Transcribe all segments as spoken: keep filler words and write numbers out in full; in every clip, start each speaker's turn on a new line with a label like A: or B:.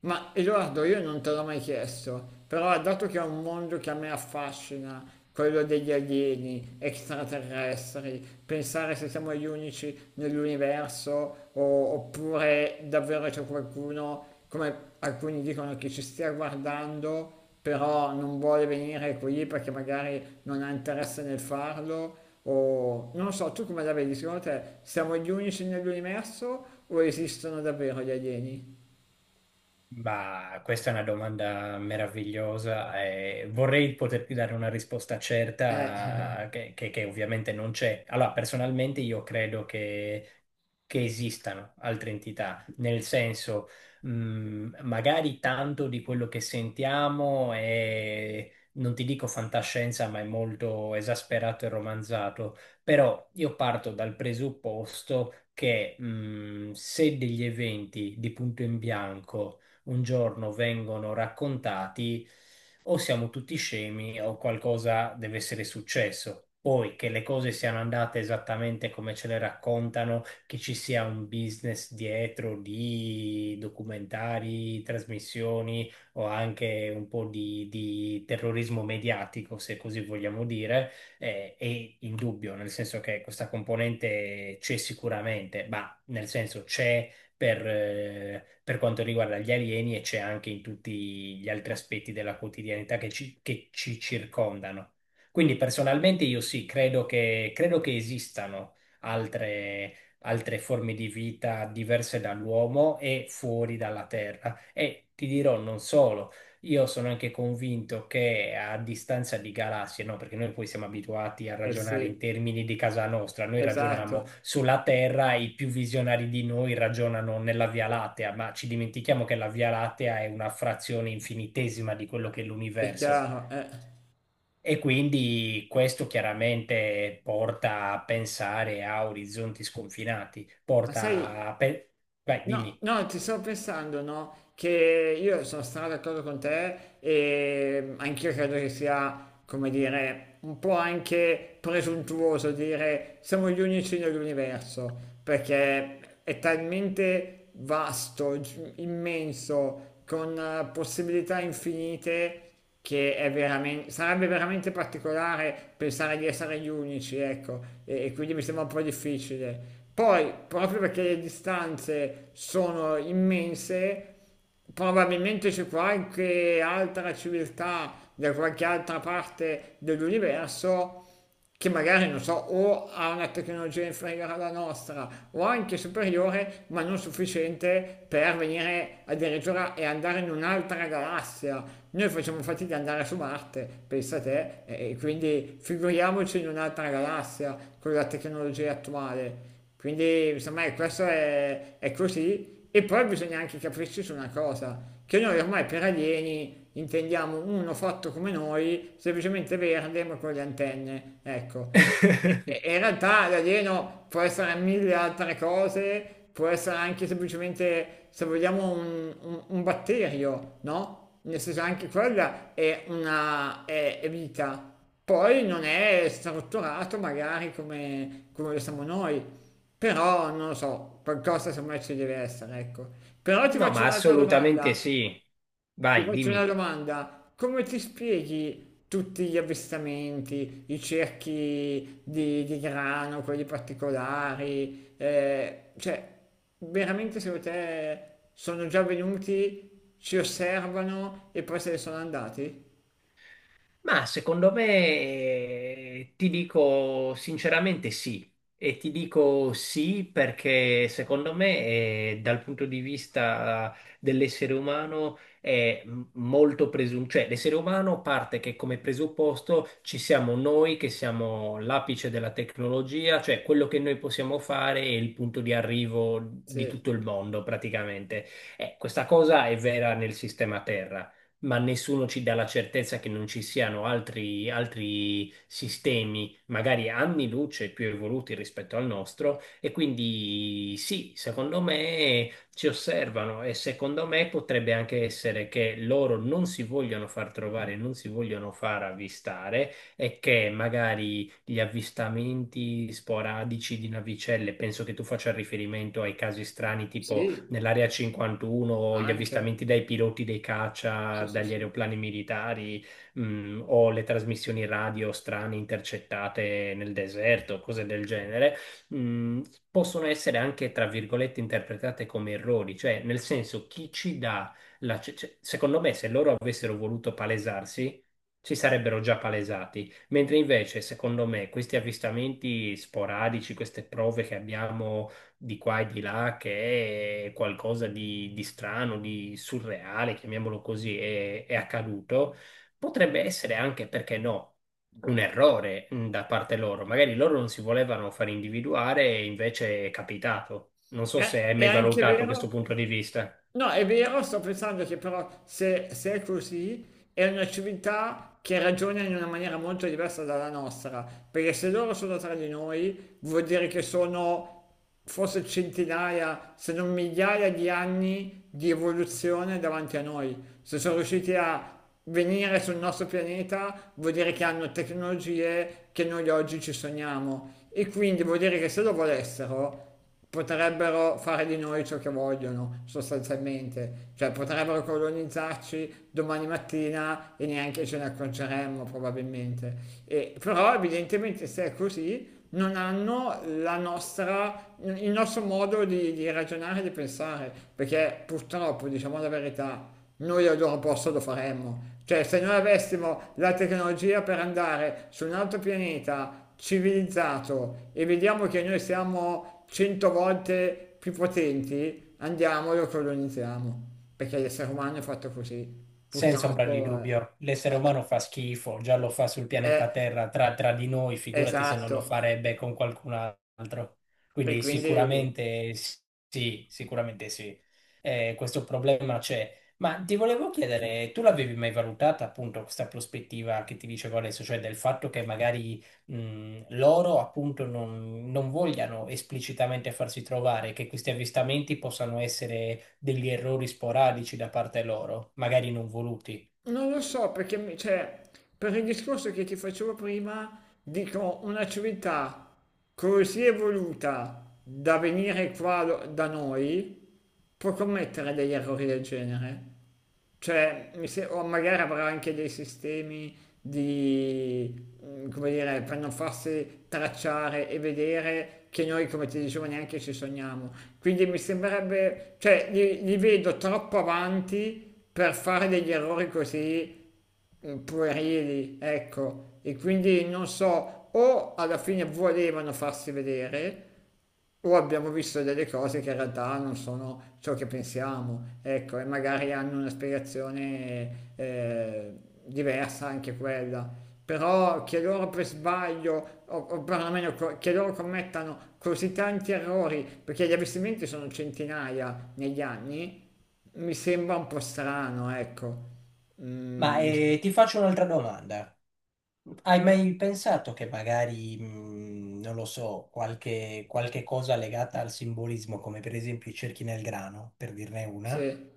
A: Ma Edoardo, io non te l'ho mai chiesto, però dato che è un mondo che a me affascina, quello degli alieni, extraterrestri, pensare se siamo gli unici nell'universo o- oppure davvero c'è qualcuno, come alcuni dicono, che ci stia guardando, però non vuole venire qui perché magari non ha interesse nel farlo, o non lo so, tu come la vedi? Secondo te siamo gli unici nell'universo o esistono davvero gli alieni?
B: Ma questa è una domanda meravigliosa e vorrei poterti dare una risposta
A: Eh,
B: certa che, che- che ovviamente non c'è. Allora, personalmente io credo che, che esistano altre entità, nel senso, mh, magari tanto di quello che sentiamo è, non ti dico fantascienza, ma è molto esasperato e romanzato, però io parto dal presupposto che mh, se degli eventi di punto in bianco un giorno vengono raccontati, o siamo tutti scemi o qualcosa deve essere successo. Poi che le cose siano andate esattamente come ce le raccontano, che ci sia un business dietro di documentari, trasmissioni o anche un po' di, di terrorismo mediatico, se così vogliamo dire, eh, è indubbio, nel senso che questa componente c'è sicuramente, ma nel senso c'è per, eh, per quanto riguarda gli alieni e c'è anche in tutti gli altri aspetti della quotidianità che ci, che ci circondano. Quindi personalmente io sì, credo che, credo che esistano altre, altre forme di vita diverse dall'uomo e fuori dalla Terra. E ti dirò non solo. Io sono anche convinto che a distanza di galassie, no, perché noi poi siamo abituati a
A: Eh
B: ragionare in
A: sì,
B: termini di casa nostra, noi ragioniamo
A: esatto,
B: sulla Terra, i più visionari di noi ragionano nella Via Lattea, ma ci dimentichiamo che la Via Lattea è una frazione infinitesima di quello che è
A: è
B: l'universo.
A: chiaro. eh.
B: E quindi questo chiaramente porta a pensare a orizzonti sconfinati,
A: Ma sai,
B: porta a pe- Vai,
A: no,
B: dimmi.
A: no, ti stavo pensando, no? Che io sono stato d'accordo con te e anch'io credo che sia, come dire, un po' anche presuntuoso dire siamo gli unici nell'universo, perché è talmente vasto, gi- immenso, con eh, possibilità infinite che è veramente, sarebbe veramente particolare pensare di essere gli unici, ecco, e, e quindi mi sembra un po' difficile. Poi, proprio perché le distanze sono immense, probabilmente c'è qualche altra civiltà da qualche altra parte dell'universo che magari, non so, o ha una tecnologia inferiore alla nostra o anche superiore, ma non sufficiente per venire addirittura e andare in un'altra galassia. Noi facciamo fatica ad andare su Marte, pensa te, e e quindi figuriamoci in un'altra galassia con la tecnologia attuale. Quindi, insomma, ecco, questo è, è così. E poi bisogna anche capirci su una cosa, che noi ormai per alieni intendiamo uno fatto come noi, semplicemente verde ma con le antenne, ecco. E- e in realtà l'alieno può essere mille altre cose, può essere anche semplicemente, se vogliamo, un, un- un batterio, no? Nel senso anche quella è una è- è vita. Poi non è strutturato magari come, come lo siamo noi, però non lo so, qualcosa semmai ci deve essere, ecco. Però ti
B: No,
A: faccio
B: ma
A: un'altra
B: assolutamente
A: domanda,
B: sì.
A: ti
B: Vai,
A: faccio una
B: dimmi.
A: domanda. Come ti spieghi tutti gli avvistamenti, i cerchi di, di grano, quelli particolari? Eh, cioè, veramente secondo te sono già venuti, ci osservano e poi se ne sono andati?
B: Ma secondo me, eh, ti dico sinceramente sì. E ti dico sì perché secondo me, eh, dal punto di vista dell'essere umano, è m- molto presunto. Cioè, l'essere umano parte che come presupposto ci siamo noi che siamo l'apice della tecnologia, cioè quello che noi possiamo fare è il punto di arrivo di
A: Sì,
B: tutto il mondo praticamente. Eh, questa cosa è vera nel sistema Terra, ma nessuno ci dà la certezza che non ci siano altri, altri sistemi, magari anni luce più evoluti rispetto al nostro, e quindi sì, secondo me ci osservano e secondo me potrebbe anche essere che loro non si vogliono far trovare, non si vogliono far avvistare e che magari gli avvistamenti sporadici di navicelle, penso che tu faccia riferimento ai casi strani tipo
A: sì,
B: nell'area cinquantuno, gli
A: anche.
B: avvistamenti dai piloti dei caccia,
A: Sì, sì,
B: dagli
A: sì.
B: aeroplani militari, mh, o le trasmissioni radio strane intercettate nel deserto, cose del genere, mh, possono essere anche, tra virgolette, interpretate come errori, cioè nel senso chi ci dà la... cioè- cioè, secondo me se loro avessero voluto palesarsi, si sarebbero già palesati. Mentre invece, secondo me, questi avvistamenti sporadici, queste prove che abbiamo di qua e di là che è qualcosa di, di strano, di surreale, chiamiamolo così, è, è accaduto, potrebbe essere anche, perché no, un errore mh, da parte loro. Magari loro non si volevano far individuare e invece è capitato. Non so se
A: È,
B: hai
A: è
B: mai
A: anche
B: valutato questo
A: vero?
B: punto di vista.
A: No, è vero, sto pensando che però se, se è così, è una civiltà che ragiona in una maniera molto diversa dalla nostra, perché se loro sono tra di noi, vuol dire che sono forse centinaia, se non migliaia di anni di evoluzione davanti a noi. Se sono riusciti a venire sul nostro pianeta, vuol dire che hanno tecnologie che noi oggi ci sogniamo. E quindi vuol dire che se lo volessero, potrebbero fare di noi ciò che vogliono, sostanzialmente, cioè potrebbero colonizzarci domani mattina e neanche ce ne accorgeremmo probabilmente. E- però evidentemente se è così non hanno la nostra, il nostro modo di, di ragionare e di pensare, perché purtroppo, diciamo la verità, noi al loro posto lo faremmo. Cioè, se noi avessimo la tecnologia per andare su un altro pianeta civilizzato e vediamo che noi siamo cento volte più potenti, andiamo e lo colonizziamo. Perché l'essere umano è fatto così.
B: Senza ombra di
A: Purtroppo eh,
B: dubbio, l'essere umano fa schifo, già lo fa sul pianeta
A: è
B: Terra tra, tra di noi, figurati se non lo
A: esatto.
B: farebbe con qualcun altro.
A: E
B: Quindi
A: quindi
B: sicuramente sì, sicuramente sì. Eh, questo problema c'è. Ma ti volevo chiedere, tu l'avevi mai valutata appunto questa prospettiva che ti dicevo adesso, cioè del fatto che magari mh, loro appunto non, non vogliano esplicitamente farsi trovare, che questi avvistamenti possano essere degli errori sporadici da parte loro, magari non voluti.
A: non lo so perché, mi- cioè, per il discorso che ti facevo prima, dico una civiltà così evoluta da venire qua lo- da noi può commettere degli errori del genere. Cioè, mi se- o magari avrà anche dei sistemi di, mm, come dire, per non farsi tracciare e vedere che noi, come ti dicevo, neanche ci sogniamo. Quindi mi sembrerebbe, cioè, li, li vedo troppo avanti per fare degli errori così eh, puerili, ecco, e quindi non so, o alla fine volevano farsi vedere, o abbiamo visto delle cose che in realtà non sono ciò che pensiamo, ecco, e magari hanno una spiegazione eh, diversa anche quella. Però che loro per sbaglio, o, o perlomeno co- che loro commettano così tanti errori, perché gli avvistamenti sono centinaia negli anni, mi sembra un po' strano, ecco.
B: Ma
A: Mm,
B: eh, ti faccio un'altra domanda. Hai mai pensato che magari, mh, non lo so, qualche, qualche cosa legata al simbolismo, come per esempio i cerchi nel grano, per dirne una?
A: sì,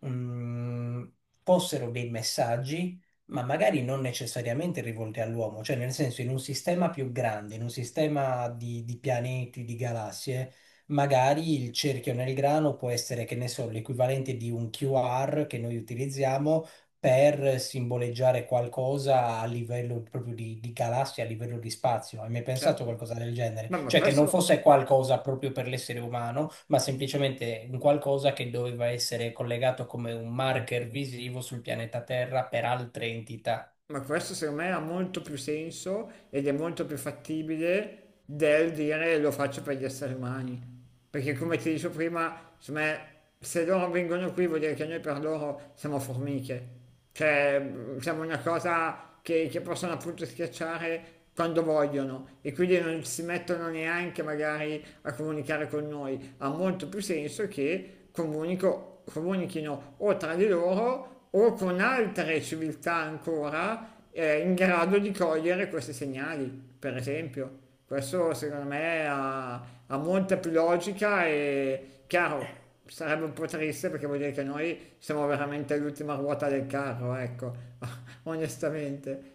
B: mh, Fossero dei messaggi, ma magari non necessariamente rivolti all'uomo, cioè nel senso in un sistema più grande, in un sistema di, di pianeti, di galassie, magari il cerchio nel grano può essere, che ne so, l'equivalente di un Q R che noi utilizziamo per simboleggiare qualcosa a livello proprio di, di galassia, a livello di spazio. Hai mai pensato a
A: certo.
B: qualcosa del genere?
A: No, ma
B: Cioè che non
A: questo,
B: fosse qualcosa proprio per l'essere umano, ma semplicemente un qualcosa che doveva essere collegato come un marker visivo sul pianeta Terra per altre entità.
A: ma questo secondo me ha molto più senso ed è molto più fattibile del dire lo faccio per gli esseri umani. Perché come ti dicevo prima, secondo me, se loro vengono qui vuol dire che noi per loro siamo formiche. Cioè, mh, siamo una cosa che, che possono appunto schiacciare quando vogliono e quindi non si mettono neanche magari a comunicare con noi. Ha molto più senso che comunico, comunichino o tra di loro o con altre civiltà ancora eh, in grado di cogliere questi segnali, per esempio. Questo secondo me ha, ha molta più logica e chiaro, sarebbe un po' triste perché vuol dire che noi siamo veramente all'ultima ruota del carro, ecco, onestamente.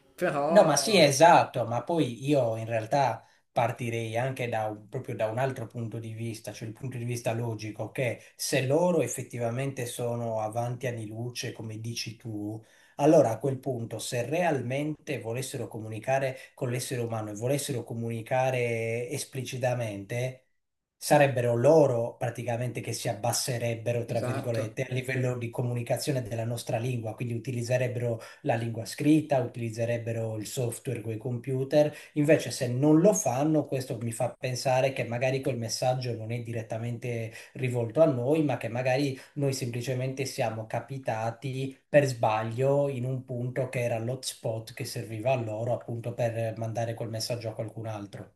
B: No, ma sì,
A: Però,
B: esatto, ma poi io in realtà partirei anche da un- proprio da un altro punto di vista, cioè il punto di vista logico, che se loro effettivamente sono avanti anni luce, come dici tu, allora a quel punto, se realmente volessero comunicare con l'essere umano e volessero comunicare esplicitamente, sarebbero loro praticamente che si abbasserebbero, tra
A: esatto.
B: virgolette, a livello di comunicazione della nostra lingua, quindi utilizzerebbero la lingua scritta, utilizzerebbero il software con i computer. Invece, se non lo fanno, questo mi fa pensare che magari quel messaggio non è direttamente rivolto a noi, ma che magari noi semplicemente siamo capitati per sbaglio in un punto che era l'hotspot che serviva a loro appunto per mandare quel messaggio a qualcun altro.